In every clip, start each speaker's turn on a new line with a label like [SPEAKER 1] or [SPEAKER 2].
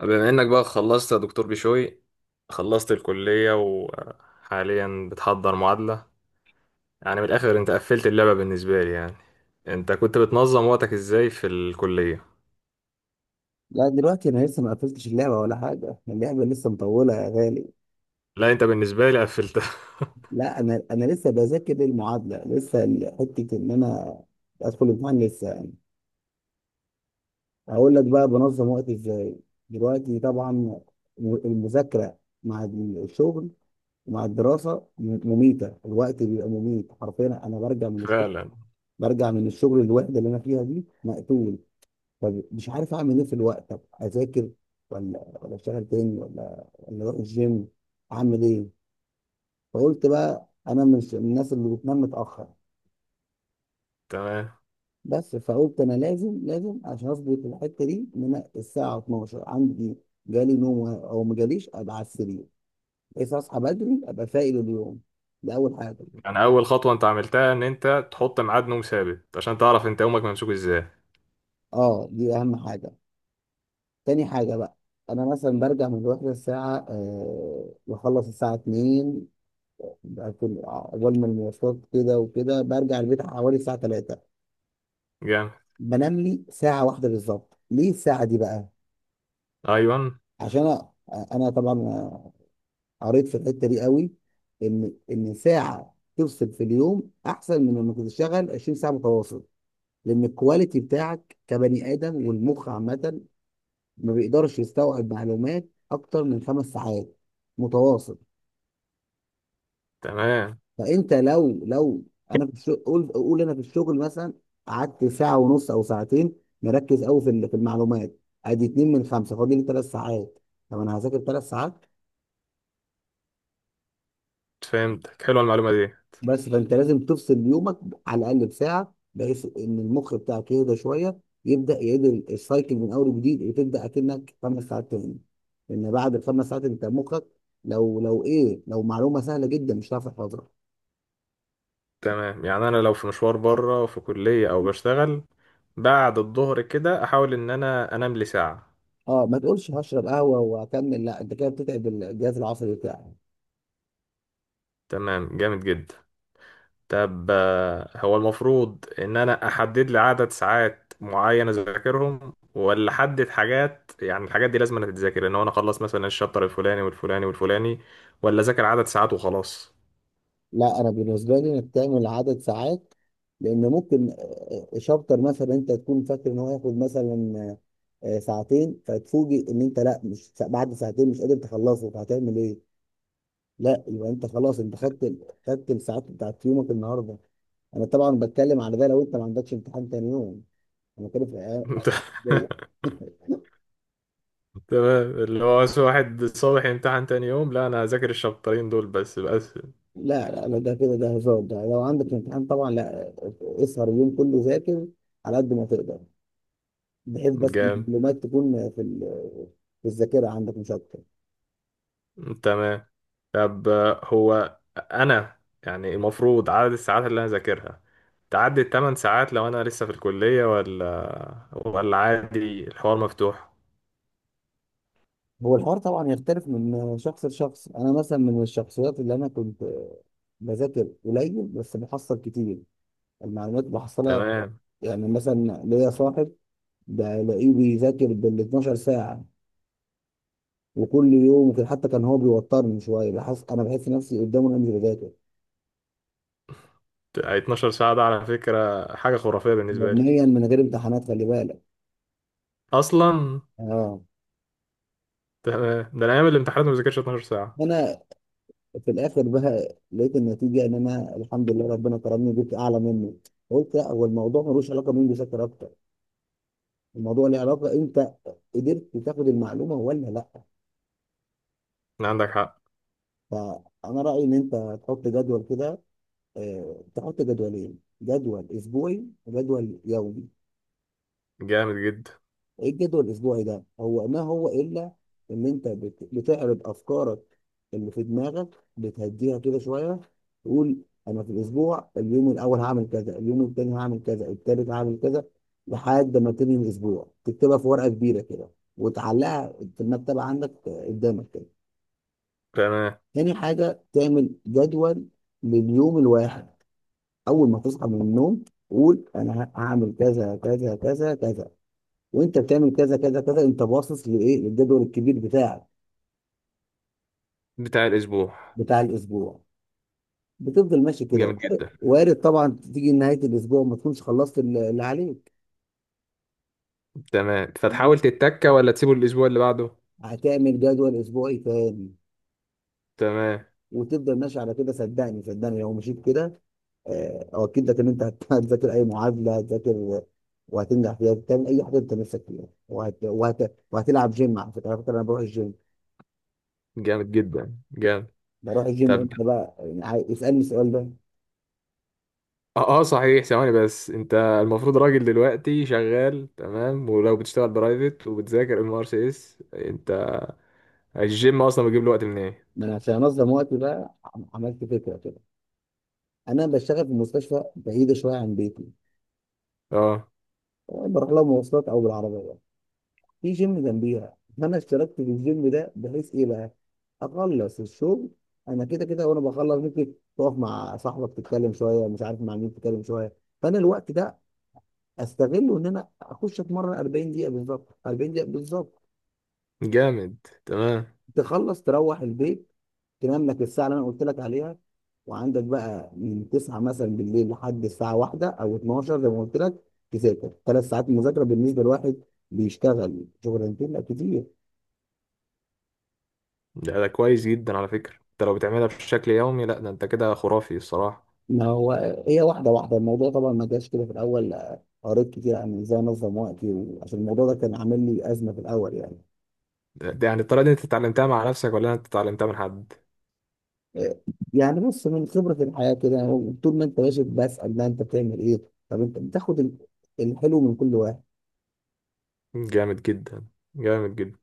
[SPEAKER 1] بما انك بقى خلصت يا دكتور بشوي، خلصت الكلية وحاليا بتحضر معادلة. يعني من الاخر انت قفلت اللعبة بالنسبة لي يعني. انت كنت بتنظم وقتك ازاي في الكلية؟
[SPEAKER 2] لا، دلوقتي انا لسه ما قفلتش اللعبه ولا حاجه. اللعبه لسه مطوله يا غالي.
[SPEAKER 1] لا، انت بالنسبة لي قفلتها.
[SPEAKER 2] لا، انا لسه بذاكر المعادله. لسه حته ان انا ادخل الامتحان لسه يعني. هقول لك بقى بنظم وقتي ازاي دلوقتي. طبعا المذاكره مع الشغل ومع الدراسه مميته. الوقت بيبقى مميت حرفيا. انا
[SPEAKER 1] فعلا.
[SPEAKER 2] برجع من الشغل الوحده اللي انا فيها دي مقتول. فمش عارف اعمل ايه في الوقت، طب اذاكر ولا اشتغل تاني ولا اروح الجيم؟ اعمل ايه؟ فقلت بقى انا مش من الناس اللي بتنام متاخر.
[SPEAKER 1] تمام،
[SPEAKER 2] بس فقلت انا لازم عشان اظبط الحته دي ان انا الساعه 12 عندي جالي نوم او ما جاليش ابقى على السرير بحيث اصحى بدري ابقى فايق لليوم. ده اول حاجه.
[SPEAKER 1] يعني اول خطوة انت عملتها ان انت تحط ميعاد نوم ثابت عشان تعرف انت يومك ممسوك ازاي.
[SPEAKER 2] اه، دي اهم حاجه. تاني حاجه بقى، انا مثلا برجع من الوحده الساعه، بخلص الساعه 2، بكون اول ما المواصلات كده وكده برجع البيت حوالي الساعه 3.
[SPEAKER 1] جامد.
[SPEAKER 2] بنام لي ساعه واحده بالظبط. ليه الساعه دي بقى؟
[SPEAKER 1] ايوه.
[SPEAKER 2] عشان انا طبعا قريت في الحته دي قوي، ان ساعه تفصل في اليوم احسن من انك تشتغل 20 ساعه متواصل. لان الكواليتي بتاعك كبني ادم والمخ عامه ما بيقدرش يستوعب معلومات اكتر من خمس ساعات متواصل.
[SPEAKER 1] تمام.
[SPEAKER 2] فانت لو، انا في الشغل، قول انا في الشغل مثلا قعدت ساعه ونص او ساعتين مركز قوي في المعلومات. ادي اتنين من خمسه، فاضل لي ثلاث ساعات. طب انا هذاكر ثلاث ساعات.
[SPEAKER 1] فهمتك، حلوة المعلومة دي.
[SPEAKER 2] بس فانت لازم تفصل يومك على الاقل بساعه بحيث ان المخ بتاعك يهدى شويه، يبدا يعيد السايكل من اول وجديد وتبدا اكنك خمس ساعات تاني. لان بعد الخمس ساعات انت مخك لو ايه، لو معلومه سهله جدا مش هتعرف تحفظها.
[SPEAKER 1] تمام، يعني انا لو في مشوار بره في كلية او بشتغل بعد الظهر كده احاول ان انا انام لي ساعة.
[SPEAKER 2] اه، ما تقولش هشرب قهوه واكمل، لا، انت كده بتتعب الجهاز العصبي بتاعك.
[SPEAKER 1] تمام، جامد جدا. طب هو المفروض ان انا احدد لي عدد ساعات معينة اذاكرهم ولا احدد حاجات، يعني الحاجات دي لازم أنا تتذاكر ان هو انا اخلص مثلا الشابتر الفلاني والفلاني والفلاني، ولا اذاكر عدد ساعات وخلاص؟
[SPEAKER 2] لا، انا بالنسبه لي انك تعمل عدد ساعات. لان ممكن شابتر مثلا انت تكون فاكر ان هو ياخد مثلا ساعتين فتفوجئ ان انت لا، مش بعد ساعتين مش قادر تخلصه، فهتعمل ايه؟ لا، يبقى انت خلاص انت خدت، الساعات بتاعت يومك النهارده. انا طبعا بتكلم على ده لو انت ما عندكش امتحان تاني يوم. انا بتكلم في الأيام العادية.
[SPEAKER 1] تمام، اللي هو بس واحد الصبح يمتحن تاني يوم، لا انا هذاكر الشابترين دول بس بس.
[SPEAKER 2] لا، لا، لا، ده كده ده هزار. ده لو عندك امتحان طبعا، لا، اسهر اليوم كله ذاكر على قد ما تقدر، بحيث بس
[SPEAKER 1] جامد.
[SPEAKER 2] المعلومات تكون في الذاكره عندك، مش اكتر.
[SPEAKER 1] تمام. طب هو انا يعني المفروض عدد الساعات اللي انا ذاكرها تعدي 8 ساعات لو انا لسه في الكلية، ولا عادي الحوار مفتوح؟
[SPEAKER 2] هو الحوار طبعا يختلف من شخص لشخص. انا مثلا من الشخصيات اللي انا كنت بذاكر قليل بس بحصل كتير، المعلومات بحصلها.
[SPEAKER 1] تمام.
[SPEAKER 2] يعني مثلا ليا صاحب بلاقيه بيذاكر بال 12 ساعة وكل يوم وكده، حتى كان هو بيوترني شوية، بحس أنا بحس نفسي قدامه أنا مش بذاكر
[SPEAKER 1] 12 ساعة ده على فكرة حاجة خرافية بالنسبة لي.
[SPEAKER 2] يوميا من غير امتحانات خلي بالك.
[SPEAKER 1] اصلا.
[SPEAKER 2] اه.
[SPEAKER 1] تمام، ده انا ايام الامتحانات ما بذاكرش 12 ساعة.
[SPEAKER 2] أنا في الآخر بقى لقيت النتيجة إن أنا الحمد لله ربنا كرمني وجبت أعلى منه. قلت لا، هو الموضوع ملوش علاقة مين بيذاكر أكتر، الموضوع له علاقة أنت قدرت تاخد المعلومة ولا لا.
[SPEAKER 1] عندك حق.
[SPEAKER 2] فأنا رأيي إن أنت تحط جدول كده، تحط جدولين، جدول اسبوعي وجدول يومي.
[SPEAKER 1] جامد جدا.
[SPEAKER 2] ايه الجدول الاسبوعي ده؟ هو ما هو الا ان انت بتعرض افكارك اللي في دماغك، بتهديها كده شويه، تقول انا في الاسبوع اليوم الاول هعمل كذا، اليوم التاني هعمل كذا، التالت هعمل كذا، لحد ما تنهي الاسبوع. تكتبها في ورقه كبيره كده وتعلقها في المكتبه عندك، قدامك كده.
[SPEAKER 1] تمام.
[SPEAKER 2] تاني حاجه تعمل جدول لليوم الواحد. اول ما تصحى من النوم قول انا هعمل كذا كذا كذا كذا، وانت بتعمل كذا كذا كذا انت باصص لايه؟ للجدول الكبير بتاعك
[SPEAKER 1] بتاع الاسبوع.
[SPEAKER 2] بتاع الاسبوع، بتفضل ماشي كده.
[SPEAKER 1] جامد جدا.
[SPEAKER 2] وارد طبعا تيجي نهايه الاسبوع ما تكونش خلصت اللي عليك،
[SPEAKER 1] تمام، فتحاول تتكة ولا تسيبه الاسبوع اللي بعده؟
[SPEAKER 2] هتعمل جدول اسبوعي تاني
[SPEAKER 1] تمام.
[SPEAKER 2] وتفضل ماشي على كده. صدقني، صدقني، لو مشيت كده، اؤكد لك ان انت هتذاكر اي معادله، هتذاكر وهتنجح فيها، تعمل اي حاجه انت نفسك فيها، وهتلعب جيم. على فكره، انا بروح الجيم.
[SPEAKER 1] جامد جدا جامد.
[SPEAKER 2] بروح الجيم
[SPEAKER 1] طب
[SPEAKER 2] امتى بقى يعني؟ اسالني السؤال ده.
[SPEAKER 1] صحيح، ثواني بس، انت المفروض راجل دلوقتي شغال، تمام، ولو بتشتغل برايفت وبتذاكر ام ار سي اس، انت الجيم اصلا بيجيب له وقت من ايه؟
[SPEAKER 2] ما انا عشان انظم وقتي بقى عملت فكره كده. انا بشتغل في مستشفى بعيده شويه عن بيتي،
[SPEAKER 1] اه.
[SPEAKER 2] بروح لها مواصلات او بالعربيه. في جيم جنبيها، فانا اشتركت في الجيم ده بحيث ايه بقى؟ اخلص الشغل، انا كده كده وانا بخلص ممكن تقف مع صاحبك تتكلم شويه، مش عارف مع مين تتكلم شويه، فانا الوقت ده استغله ان انا اخش اتمرن 40 دقيقه بالظبط، 40 دقيقه بالظبط.
[SPEAKER 1] جامد. تمام.
[SPEAKER 2] تخلص تروح البيت، تنام لك الساعه اللي انا قلت لك عليها، وعندك بقى من 9 مثلا بالليل لحد الساعه 1 او 12 زي ما قلت لك، تذاكر ثلاث ساعات. مذاكره بالنسبه لواحد بيشتغل شغلانتين، لا كتير.
[SPEAKER 1] ده كويس جدا على فكرة، انت لو بتعملها بشكل يومي لا ده انت كده خرافي الصراحة.
[SPEAKER 2] ما هو هي واحده واحده، الموضوع طبعا ما جاش كده في الاول. قريت كتير عن ازاي انظم وقتي، وعشان الموضوع ده كان عامل لي ازمه في الاول يعني.
[SPEAKER 1] ده يعني الطريقة دي انت اتعلمتها مع نفسك ولا انت اتعلمتها من حد؟
[SPEAKER 2] آه، يعني بص، من خبره الحياه كده، طول ما انت ماشي بسال ده انت بتعمل ايه. طب انت بتاخد الحلو من كل واحد.
[SPEAKER 1] جامد جدا. جامد جدا.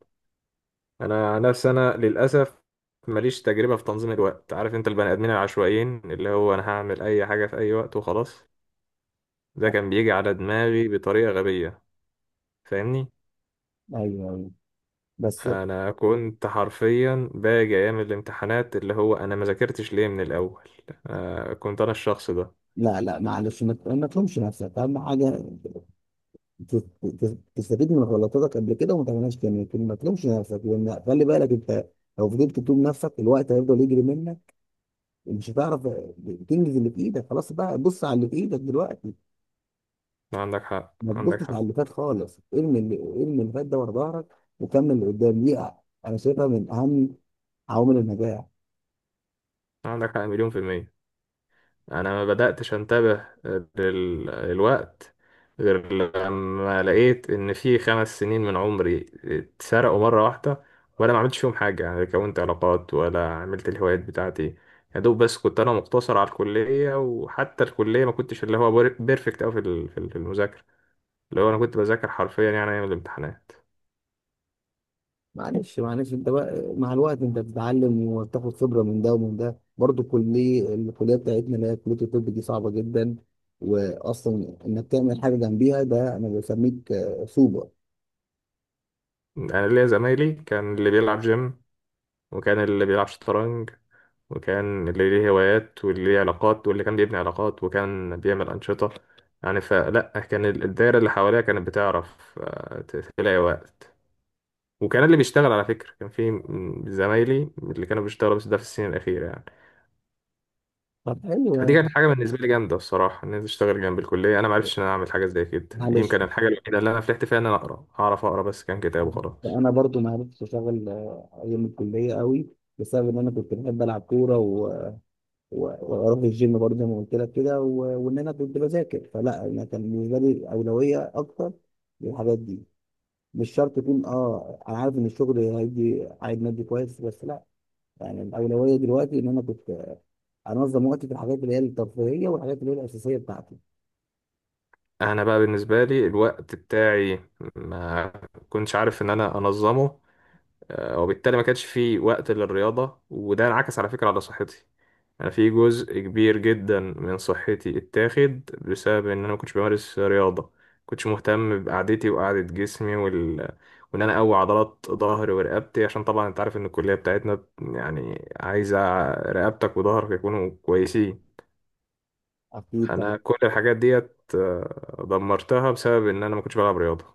[SPEAKER 1] انا عن نفسي انا للاسف ماليش تجربة في تنظيم الوقت. عارف انت البني ادمين العشوائيين اللي هو انا هعمل اي حاجة في اي وقت وخلاص؟ ده كان بيجي على دماغي بطريقة غبية، فاهمني؟
[SPEAKER 2] ايوه، ايوه، بس
[SPEAKER 1] انا كنت حرفيا باجي ايام الامتحانات اللي هو انا ما ذاكرتش ليه من الاول. آه، كنت انا الشخص ده.
[SPEAKER 2] لا، لا، معلش، ما تلومش نفسك، اهم حاجه ت- تستفيد من غلطاتك قبل كده وما تعملهاش تاني، لكن ما تلومش نفسك. لان خلي بالك انت لو فضلت تلوم نفسك الوقت هيفضل يجري منك، ومش هتعرف تنجز اللي في ايدك. خلاص بقى بص على اللي في ايدك دلوقتي،
[SPEAKER 1] عندك حق.
[SPEAKER 2] ما
[SPEAKER 1] عندك
[SPEAKER 2] تبصش على
[SPEAKER 1] حق.
[SPEAKER 2] اللي فات خالص. ارمي اللي فات ده ورا ظهرك، وكمل اللي قدام دي. انا شايفها من اهم عوامل النجاح.
[SPEAKER 1] عندك حق مليون في المية. انا ما بدأتش انتبه للوقت غير لما لقيت ان في 5 سنين من عمري اتسرقوا مرة واحدة وانا ما عملتش فيهم حاجة. يعني كونت علاقات ولا عملت الهوايات بتاعتي. يا دوب بس كنت انا مقتصر على الكلية، وحتى الكلية ما كنتش اللي هو بيرفكت اوي في المذاكرة. اللي هو انا كنت بذاكر حرفيا يعني ايام الامتحانات.
[SPEAKER 2] معلش، معلش، انت بقى مع الوقت انت بتتعلم وبتاخد خبره من ده ومن ده برضه. الكليه بتاعتنا اللي هي كليه الطب دي صعبه جدا، واصلا انك تعمل حاجه جنبيها ده انا بسميك سوبر.
[SPEAKER 1] انا ليا زمايلي، كان اللي بيلعب جيم، وكان اللي بيلعب شطرنج، وكان اللي ليه هوايات، واللي ليه علاقات، واللي كان بيبني علاقات وكان بيعمل أنشطة. يعني فلا كان الدايرة اللي حواليها كانت بتعرف تلاقي وقت. وكان اللي بيشتغل على فكرة، كان في زمايلي اللي كانوا بيشتغلوا، بس ده في السنين الأخيرة يعني.
[SPEAKER 2] طب حلو
[SPEAKER 1] فدي
[SPEAKER 2] يعني.
[SPEAKER 1] كانت حاجة بالنسبة لي جامدة الصراحة، إن أنا أشتغل جنب الكلية. أنا معرفتش إن أنا أعمل حاجة زي كده.
[SPEAKER 2] معلش،
[SPEAKER 1] يمكن الحاجة الوحيدة اللي أنا فلحت فيها إن أنا أقرأ، أعرف أقرأ بس كان كتاب وخلاص.
[SPEAKER 2] انا برضو ما عرفتش اشتغل ايام الكليه قوي بسبب ان انا كنت بحب العب كوره و- واروح الجيم برضه زي ما قلت لك كده، وان انا كنت بذاكر، فلا، انا كان بالنسبه لي اولويه اكتر للحاجات دي. مش شرط يكون، اه، انا عارف ان الشغل هيدي عائد مادي كويس، بس لا. يعني الاولويه دلوقتي ان انا كنت انظم وقتي في الحاجات اللي هي الترفيهيه والحاجات اللي هي الاساسيه بتاعتي.
[SPEAKER 1] انا بقى بالنسبه لي الوقت بتاعي ما كنتش عارف ان انا انظمه. وبالتالي ما كانش في وقت للرياضه، وده انعكس على فكره على صحتي. انا في جزء كبير جدا من صحتي اتاخد بسبب ان انا ما كنتش بمارس رياضه. ما كنتش مهتم بقعدتي وقعده جسمي وان انا اقوي عضلات ظهري ورقبتي. عشان طبعا انت عارف ان الكليه بتاعتنا يعني عايزه رقبتك وظهرك يكونوا كويسين.
[SPEAKER 2] اكيد طبعا.
[SPEAKER 1] انا كل الحاجات ديت دمرتها بسبب ان انا ما كنتش بلعب رياضه.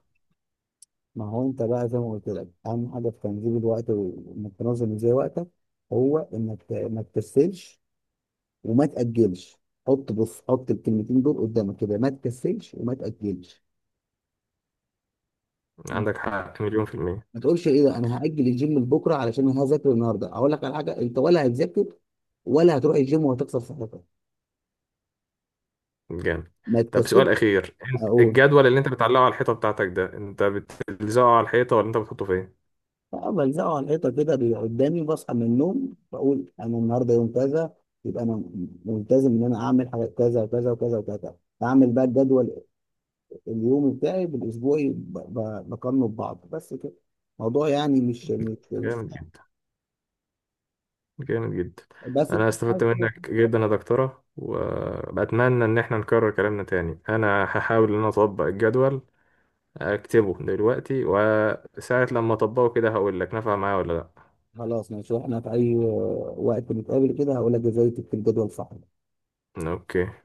[SPEAKER 2] ما هو انت بقى زي ما قلت لك اهم حاجه في تنظيم الوقت وانك تنظم ازاي وقتك، هو انك ما تكسلش وما تاجلش. حط، بص، حط الكلمتين دول قدامك كده: ما تكسلش وما تاجلش.
[SPEAKER 1] عندك حق مليون في الميه.
[SPEAKER 2] ما تقولش ايه ده انا هاجل الجيم لبكره علشان انا هذاكر النهارده. اقول لك على حاجه: انت ولا هتذاكر ولا هتروح الجيم وهتكسر صحتك،
[SPEAKER 1] جامد.
[SPEAKER 2] ما
[SPEAKER 1] طب سؤال
[SPEAKER 2] تكسبش.
[SPEAKER 1] اخير، انت
[SPEAKER 2] اقول:
[SPEAKER 1] الجدول اللي انت بتعلقه على الحيطه بتاعتك ده انت بتلزقه على الحيطه ولا انت بتحطه فين؟
[SPEAKER 2] اه، بلزقه على الحيطه كده بيبقى قدامي، بصحى من النوم بقول انا النهارده يوم كذا، يبقى انا ملتزم ان انا اعمل حاجات كذا وكذا وكذا وكذا. اعمل بقى الجدول اليومي بتاعي بالاسبوعي، بقارنه ببعض، بس كده. الموضوع يعني مش
[SPEAKER 1] جامد جدا. جامد جدا.
[SPEAKER 2] بس
[SPEAKER 1] انا استفدت منك جدا يا دكتوره، وبتمنى ان احنا نكرر كلامنا تاني. انا هحاول ان انا اطبق الجدول، اكتبه دلوقتي وساعه لما اطبقه كده هقول لك نفع معايا ولا لا.
[SPEAKER 2] خلاص ماشي، واحنا في اي وقت نتقابل كده هقول لك ازاي تكتب جدول صح.
[SPEAKER 1] اوكي.